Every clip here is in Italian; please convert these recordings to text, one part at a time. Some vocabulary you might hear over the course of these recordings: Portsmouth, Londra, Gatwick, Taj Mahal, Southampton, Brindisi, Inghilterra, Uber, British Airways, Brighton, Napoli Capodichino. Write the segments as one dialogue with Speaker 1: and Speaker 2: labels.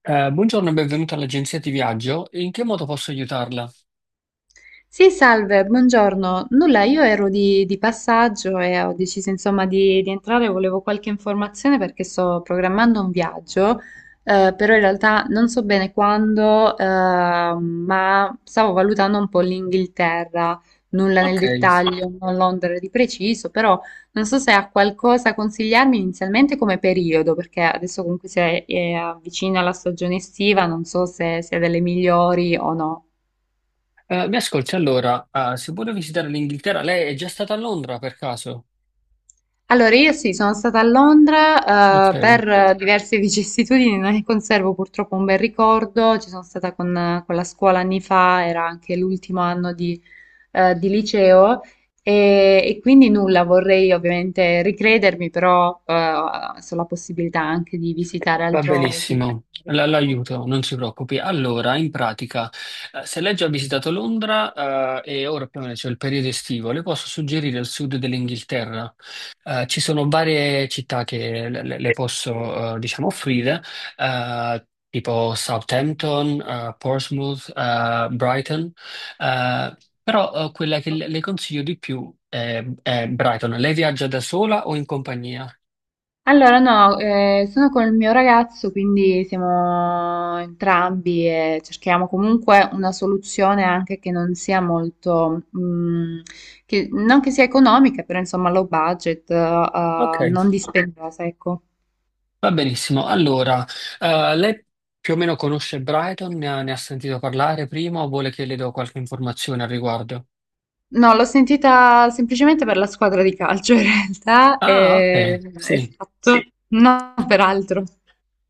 Speaker 1: Buongiorno e benvenuta all'agenzia di viaggio. In che modo posso aiutarla?
Speaker 2: Sì, salve, buongiorno. Nulla, io ero di passaggio e ho deciso insomma di entrare, volevo qualche informazione perché sto programmando un viaggio, però in realtà non so bene quando, ma stavo valutando un po' l'Inghilterra, nulla nel
Speaker 1: Ok.
Speaker 2: dettaglio, non Londra di preciso, però non so se ha qualcosa a consigliarmi inizialmente come periodo, perché adesso comunque è avvicina la stagione estiva, non so se sia delle migliori o no.
Speaker 1: Mi ascolti allora, se vuole visitare l'Inghilterra, lei è già stata a Londra per caso?
Speaker 2: Allora, io sì, sono stata a Londra,
Speaker 1: Ok.
Speaker 2: eh, per diverse vicissitudini, non ne conservo purtroppo un bel ricordo. Ci sono stata con la scuola anni fa, era anche l'ultimo anno di liceo, e quindi nulla, vorrei ovviamente ricredermi, però so la possibilità anche di visitare
Speaker 1: Va
Speaker 2: altrove.
Speaker 1: benissimo, l'aiuto, non si preoccupi. Allora, in pratica, se lei già ha visitato Londra, e ora più o meno c'è il periodo estivo, le posso suggerire il sud dell'Inghilterra. Ci sono varie città che le posso, diciamo, offrire, tipo Southampton, Portsmouth, Brighton, eh, però, quella che le consiglio di più è Brighton. Lei viaggia da sola o in compagnia?
Speaker 2: Allora, no, sono col mio ragazzo, quindi siamo entrambi e cerchiamo comunque una soluzione anche che non sia molto, che, non che sia economica, però insomma low budget,
Speaker 1: Ok.
Speaker 2: eh, non dispendiosa, ecco.
Speaker 1: Va benissimo. Allora, lei più o meno conosce Brighton, ne ha sentito parlare prima o vuole che le do qualche informazione al riguardo?
Speaker 2: No, l'ho sentita semplicemente per la squadra di calcio in realtà,
Speaker 1: Ah,
Speaker 2: e,
Speaker 1: ok, sì.
Speaker 2: esatto, non per altro.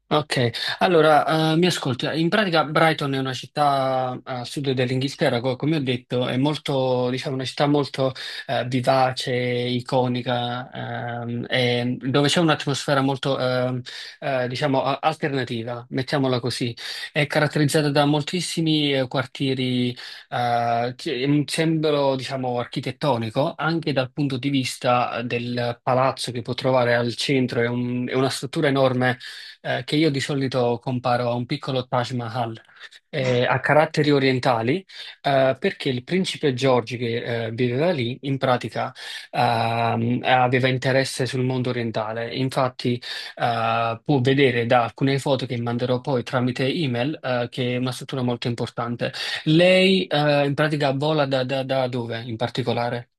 Speaker 1: Ok, mi ascolta. In pratica Brighton è una città a sud dell'Inghilterra, come ho detto, è molto, diciamo, una città molto vivace, iconica, e dove c'è un'atmosfera molto, diciamo, alternativa, mettiamola così. È caratterizzata da moltissimi quartieri, che- un sembro, diciamo, architettonico, anche dal punto di vista del palazzo che può trovare al centro, è è una struttura enorme che io di solito comparo a un piccolo Taj Mahal a caratteri orientali, perché il principe George che viveva lì, in pratica aveva interesse sul mondo orientale. Infatti, può vedere da alcune foto che manderò poi tramite email, che è una struttura molto importante. Lei, in pratica vola da dove in particolare?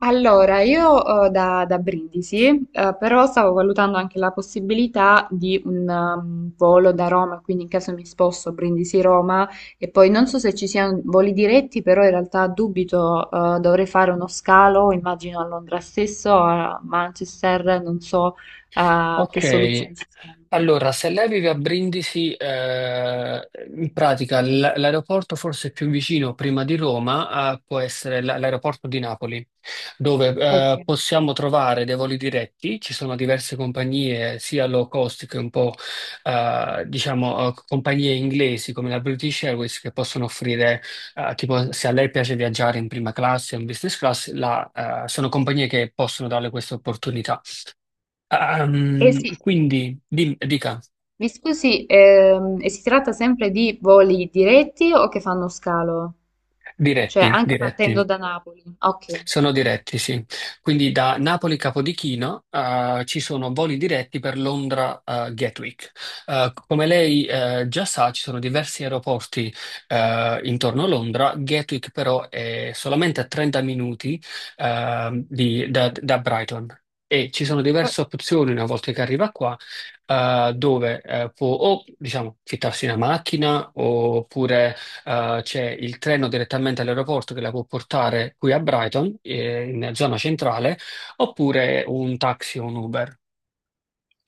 Speaker 2: Allora, io da Brindisi, però stavo valutando anche la possibilità di un volo da Roma, quindi in caso mi sposto Brindisi-Roma e poi non so se ci siano voli diretti, però in realtà dubito, dovrei fare uno scalo, immagino a Londra stesso, a Manchester, non so che
Speaker 1: Ok.
Speaker 2: soluzioni ci sono.
Speaker 1: Allora, se lei vive a Brindisi, in pratica l'aeroporto forse più vicino prima di Roma, può essere l'aeroporto di Napoli, dove,
Speaker 2: Ok.
Speaker 1: possiamo trovare dei voli diretti, ci sono diverse compagnie, sia low cost che un po', diciamo, compagnie inglesi come la British Airways che possono offrire, tipo, se a lei piace viaggiare in prima classe o in business class, sono compagnie che possono darle questa opportunità. Ah,
Speaker 2: Eh sì,
Speaker 1: mm, quindi, dica.
Speaker 2: mi scusi, e si tratta sempre di voli diretti o che fanno scalo? Cioè,
Speaker 1: Diretti,
Speaker 2: anche
Speaker 1: diretti,
Speaker 2: partendo da Napoli. Ok.
Speaker 1: sono diretti, sì. Quindi da Napoli Capodichino ci sono voli diretti per Londra Gatwick. Come lei già sa, ci sono diversi aeroporti intorno a Londra. Gatwick però è solamente a 30 minuti da Brighton. E ci sono
Speaker 2: Oh,
Speaker 1: diverse opzioni una volta che arriva qua, dove può, o diciamo, fittarsi una macchina, oppure c'è il treno direttamente all'aeroporto che la può portare qui a Brighton, in zona centrale, oppure un taxi o un Uber.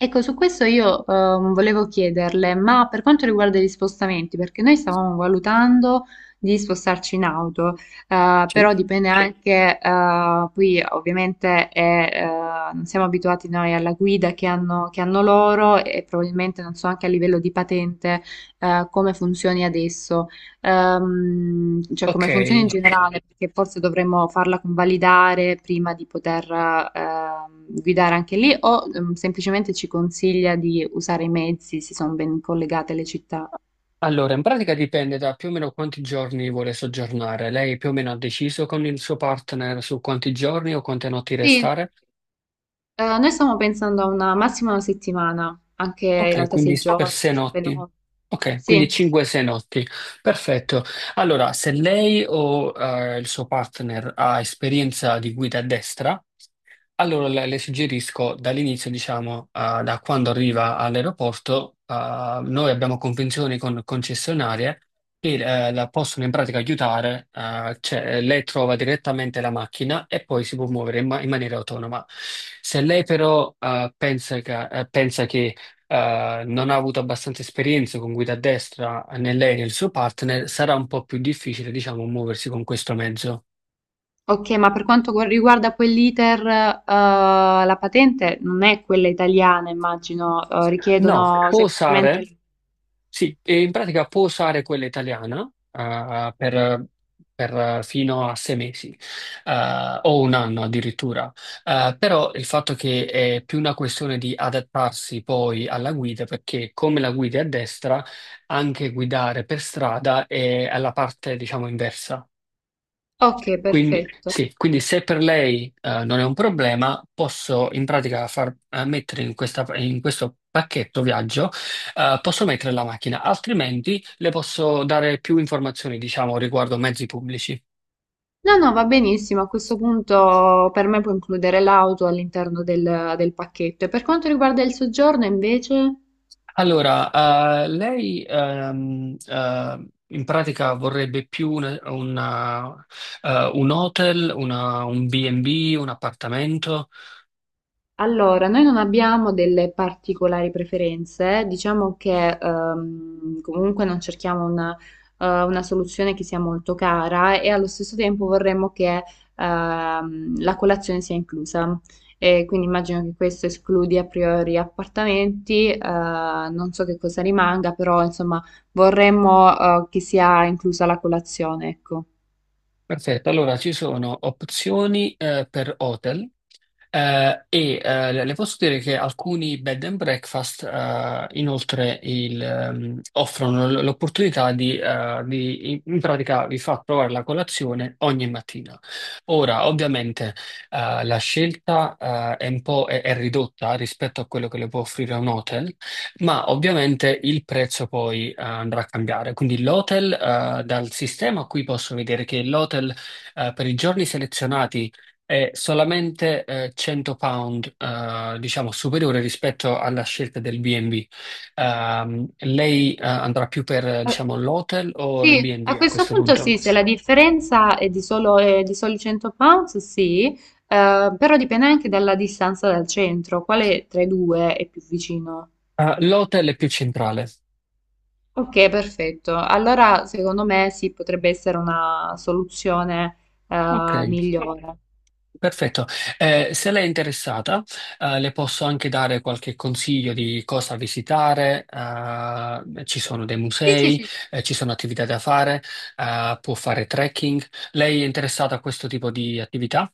Speaker 2: ecco, su questo io volevo chiederle, ma per quanto riguarda gli spostamenti, perché noi stavamo valutando di spostarci in auto,
Speaker 1: Sì.
Speaker 2: però dipende anche, qui ovviamente non siamo abituati noi alla guida che hanno loro e probabilmente non so anche a livello di patente come funzioni adesso. Cioè
Speaker 1: Ok,
Speaker 2: come funziona in generale, perché forse dovremmo farla convalidare prima di poter guidare anche lì, o semplicemente ci consiglia di usare i mezzi se sono ben collegate le città.
Speaker 1: allora in pratica dipende da più o meno quanti giorni vuole soggiornare. Lei più o meno ha deciso con il suo partner su quanti giorni o quante notti
Speaker 2: Sì,
Speaker 1: restare?
Speaker 2: eh, noi stiamo pensando a una massima una settimana, anche in
Speaker 1: Ok,
Speaker 2: realtà
Speaker 1: quindi
Speaker 2: sei
Speaker 1: per
Speaker 2: giorni,
Speaker 1: sei
Speaker 2: cinque
Speaker 1: notti.
Speaker 2: notti.
Speaker 1: Ok,
Speaker 2: Sì,
Speaker 1: quindi 5-6 notti. Perfetto. Allora, se lei o, il suo partner ha esperienza di guida a destra, allora le suggerisco dall'inizio, diciamo, da quando arriva all'aeroporto, noi abbiamo convenzioni con concessionarie che, la possono in pratica aiutare, cioè lei trova direttamente la macchina e poi si può muovere in, in maniera autonoma. Se lei però, pensa che, non ha avuto abbastanza esperienza con guida a destra né lei né il suo partner, sarà un po' più difficile, diciamo, muoversi con questo mezzo.
Speaker 2: ok, ma per quanto riguarda poi l'iter, la patente non è quella italiana, immagino,
Speaker 1: No,
Speaker 2: richiedono
Speaker 1: può usare.
Speaker 2: semplicemente...
Speaker 1: Sì, e in pratica può usare quella italiana, per fino a sei mesi, o un anno addirittura. Però il fatto che è più una questione di adattarsi poi alla guida, perché come la guida è a destra, anche guidare per strada è alla parte, diciamo, inversa.
Speaker 2: Ok,
Speaker 1: Quindi,
Speaker 2: perfetto.
Speaker 1: sì, quindi se per lei, non è un problema, posso in pratica far, mettere in in questo pacchetto viaggio, posso mettere la macchina, altrimenti le posso dare più informazioni, diciamo, riguardo mezzi pubblici.
Speaker 2: No, no, va benissimo. A questo punto per me può includere l'auto all'interno del pacchetto. E per quanto riguarda il soggiorno, invece?
Speaker 1: Allora, lei in pratica vorrebbe più una, un hotel, un B&B, un appartamento?
Speaker 2: Allora, noi non abbiamo delle particolari preferenze, diciamo che comunque non cerchiamo una soluzione che sia molto cara e allo stesso tempo vorremmo che la colazione sia inclusa. E quindi immagino che questo escludi a priori appartamenti, non so che cosa rimanga, però insomma vorremmo che sia inclusa la colazione, ecco.
Speaker 1: Perfetto, allora ci sono opzioni per hotel le posso dire che alcuni bed and breakfast, inoltre il, offrono l'opportunità di, in pratica vi fa provare la colazione ogni mattina. Ora, ovviamente, la scelta è un po' è ridotta rispetto a quello che le può offrire un hotel, ma ovviamente il prezzo poi, andrà a cambiare, quindi l'hotel, dal sistema qui posso vedere che l'hotel, per i giorni selezionati è solamente, 100 pound, diciamo superiore rispetto alla scelta del B&B. Lei, andrà più per,
Speaker 2: Eh,
Speaker 1: diciamo l'hotel o il
Speaker 2: sì,
Speaker 1: B&B
Speaker 2: a
Speaker 1: a
Speaker 2: questo
Speaker 1: questo
Speaker 2: punto sì,
Speaker 1: punto?
Speaker 2: se la differenza è di soli 100 pounds, sì, però dipende anche dalla distanza dal centro, quale tra i due è più vicino?
Speaker 1: Ah, l'hotel è più centrale.
Speaker 2: Ok, perfetto. Allora, secondo me sì, potrebbe essere una soluzione
Speaker 1: Ok.
Speaker 2: migliore.
Speaker 1: Perfetto. Se lei è interessata, le posso anche dare qualche consiglio di cosa visitare. Ci sono dei
Speaker 2: Sì, sì,
Speaker 1: musei,
Speaker 2: sì.
Speaker 1: ci sono attività da fare, può fare trekking. Lei è interessata a questo tipo di attività?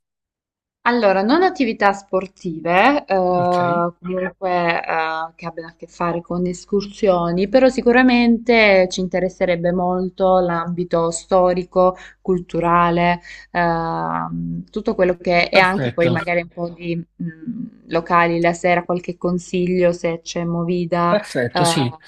Speaker 2: Allora, non attività sportive,
Speaker 1: Ok,
Speaker 2: comunque che abbiano a che fare con escursioni, però sicuramente ci interesserebbe molto l'ambito storico, culturale, tutto quello che è anche poi
Speaker 1: perfetto,
Speaker 2: magari un po' di locali la sera, qualche consiglio se c'è movida,
Speaker 1: perfetto, sì.
Speaker 2: eh,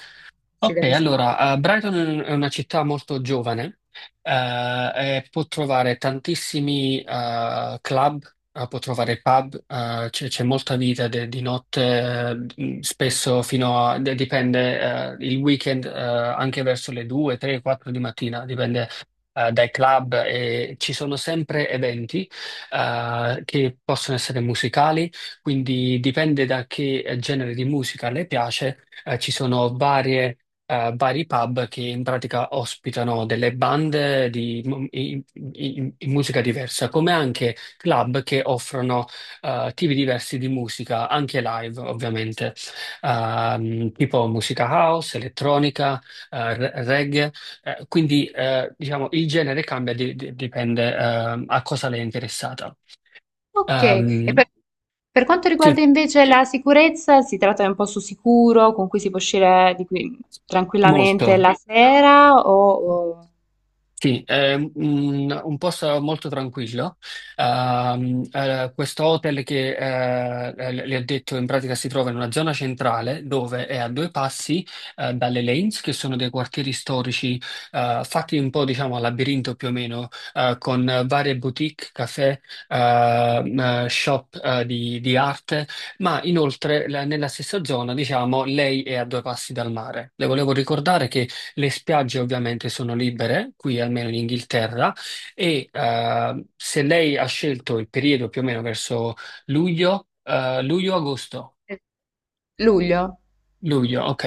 Speaker 2: se
Speaker 1: Ok,
Speaker 2: da visitare.
Speaker 1: allora, Brighton è una città molto giovane, eh, e può trovare tantissimi, club, può trovare pub, c'è molta vita di notte, spesso fino a, dipende, il weekend, anche verso le 2, 3, 4 di mattina, dipende, dai club, e ci sono sempre eventi che possono essere musicali, quindi dipende da che genere di musica le piace. Ci sono varie, vari pub che in pratica ospitano delle bande di in musica diversa, come anche club che offrono, tipi diversi di musica, anche live ovviamente, tipo musica house, elettronica, reggae, quindi, diciamo il genere cambia, dipende, a cosa lei è interessata.
Speaker 2: Ok, e
Speaker 1: Ehm,
Speaker 2: per quanto riguarda
Speaker 1: sì,
Speaker 2: invece la sicurezza, si tratta di un posto sicuro con cui si può uscire di qui
Speaker 1: molto.
Speaker 2: tranquillamente la sera.
Speaker 1: Sì, è un posto molto tranquillo. Questo hotel che, le ho detto, in pratica si trova in una zona centrale dove è a due passi dalle Lanes, che sono dei quartieri storici fatti un po', diciamo, a labirinto più o meno, con varie boutique, caffè, ehm, shop, di arte, ma inoltre nella stessa zona, diciamo, lei è a due passi dal mare. Le volevo ricordare che le spiagge ovviamente sono libere, qui almeno in Inghilterra, e, se lei ha scelto il periodo più o meno verso luglio, luglio-agosto,
Speaker 2: Luglio?
Speaker 1: luglio, ok,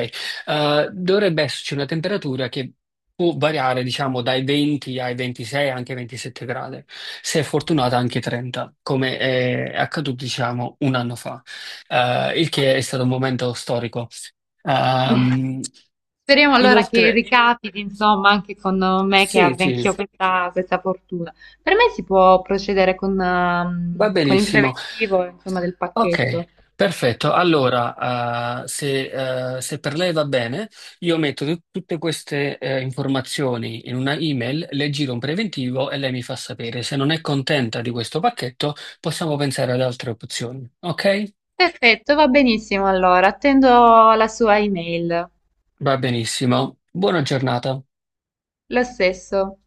Speaker 1: dovrebbe esserci una temperatura che può variare, diciamo, dai 20 ai 26, anche 27 gradi, se è fortunata anche 30, come è accaduto, diciamo, un anno fa, il che è stato un momento storico. Ehm,
Speaker 2: Speriamo allora che
Speaker 1: Inoltre,
Speaker 2: ricapiti, insomma, anche con me che
Speaker 1: sì,
Speaker 2: abbia
Speaker 1: sì,
Speaker 2: anch'io questa fortuna. Per me si può procedere con,
Speaker 1: va
Speaker 2: ehm, con il
Speaker 1: benissimo.
Speaker 2: preventivo, insomma, del
Speaker 1: Ok,
Speaker 2: pacchetto.
Speaker 1: perfetto. Allora, se per lei va bene, io metto tutte queste, informazioni in una email, le giro un preventivo e lei mi fa sapere. Se non è contenta di questo pacchetto, possiamo pensare ad altre opzioni. Ok?
Speaker 2: Perfetto, va benissimo allora, attendo la sua email.
Speaker 1: Va benissimo. Buona giornata.
Speaker 2: Lo stesso.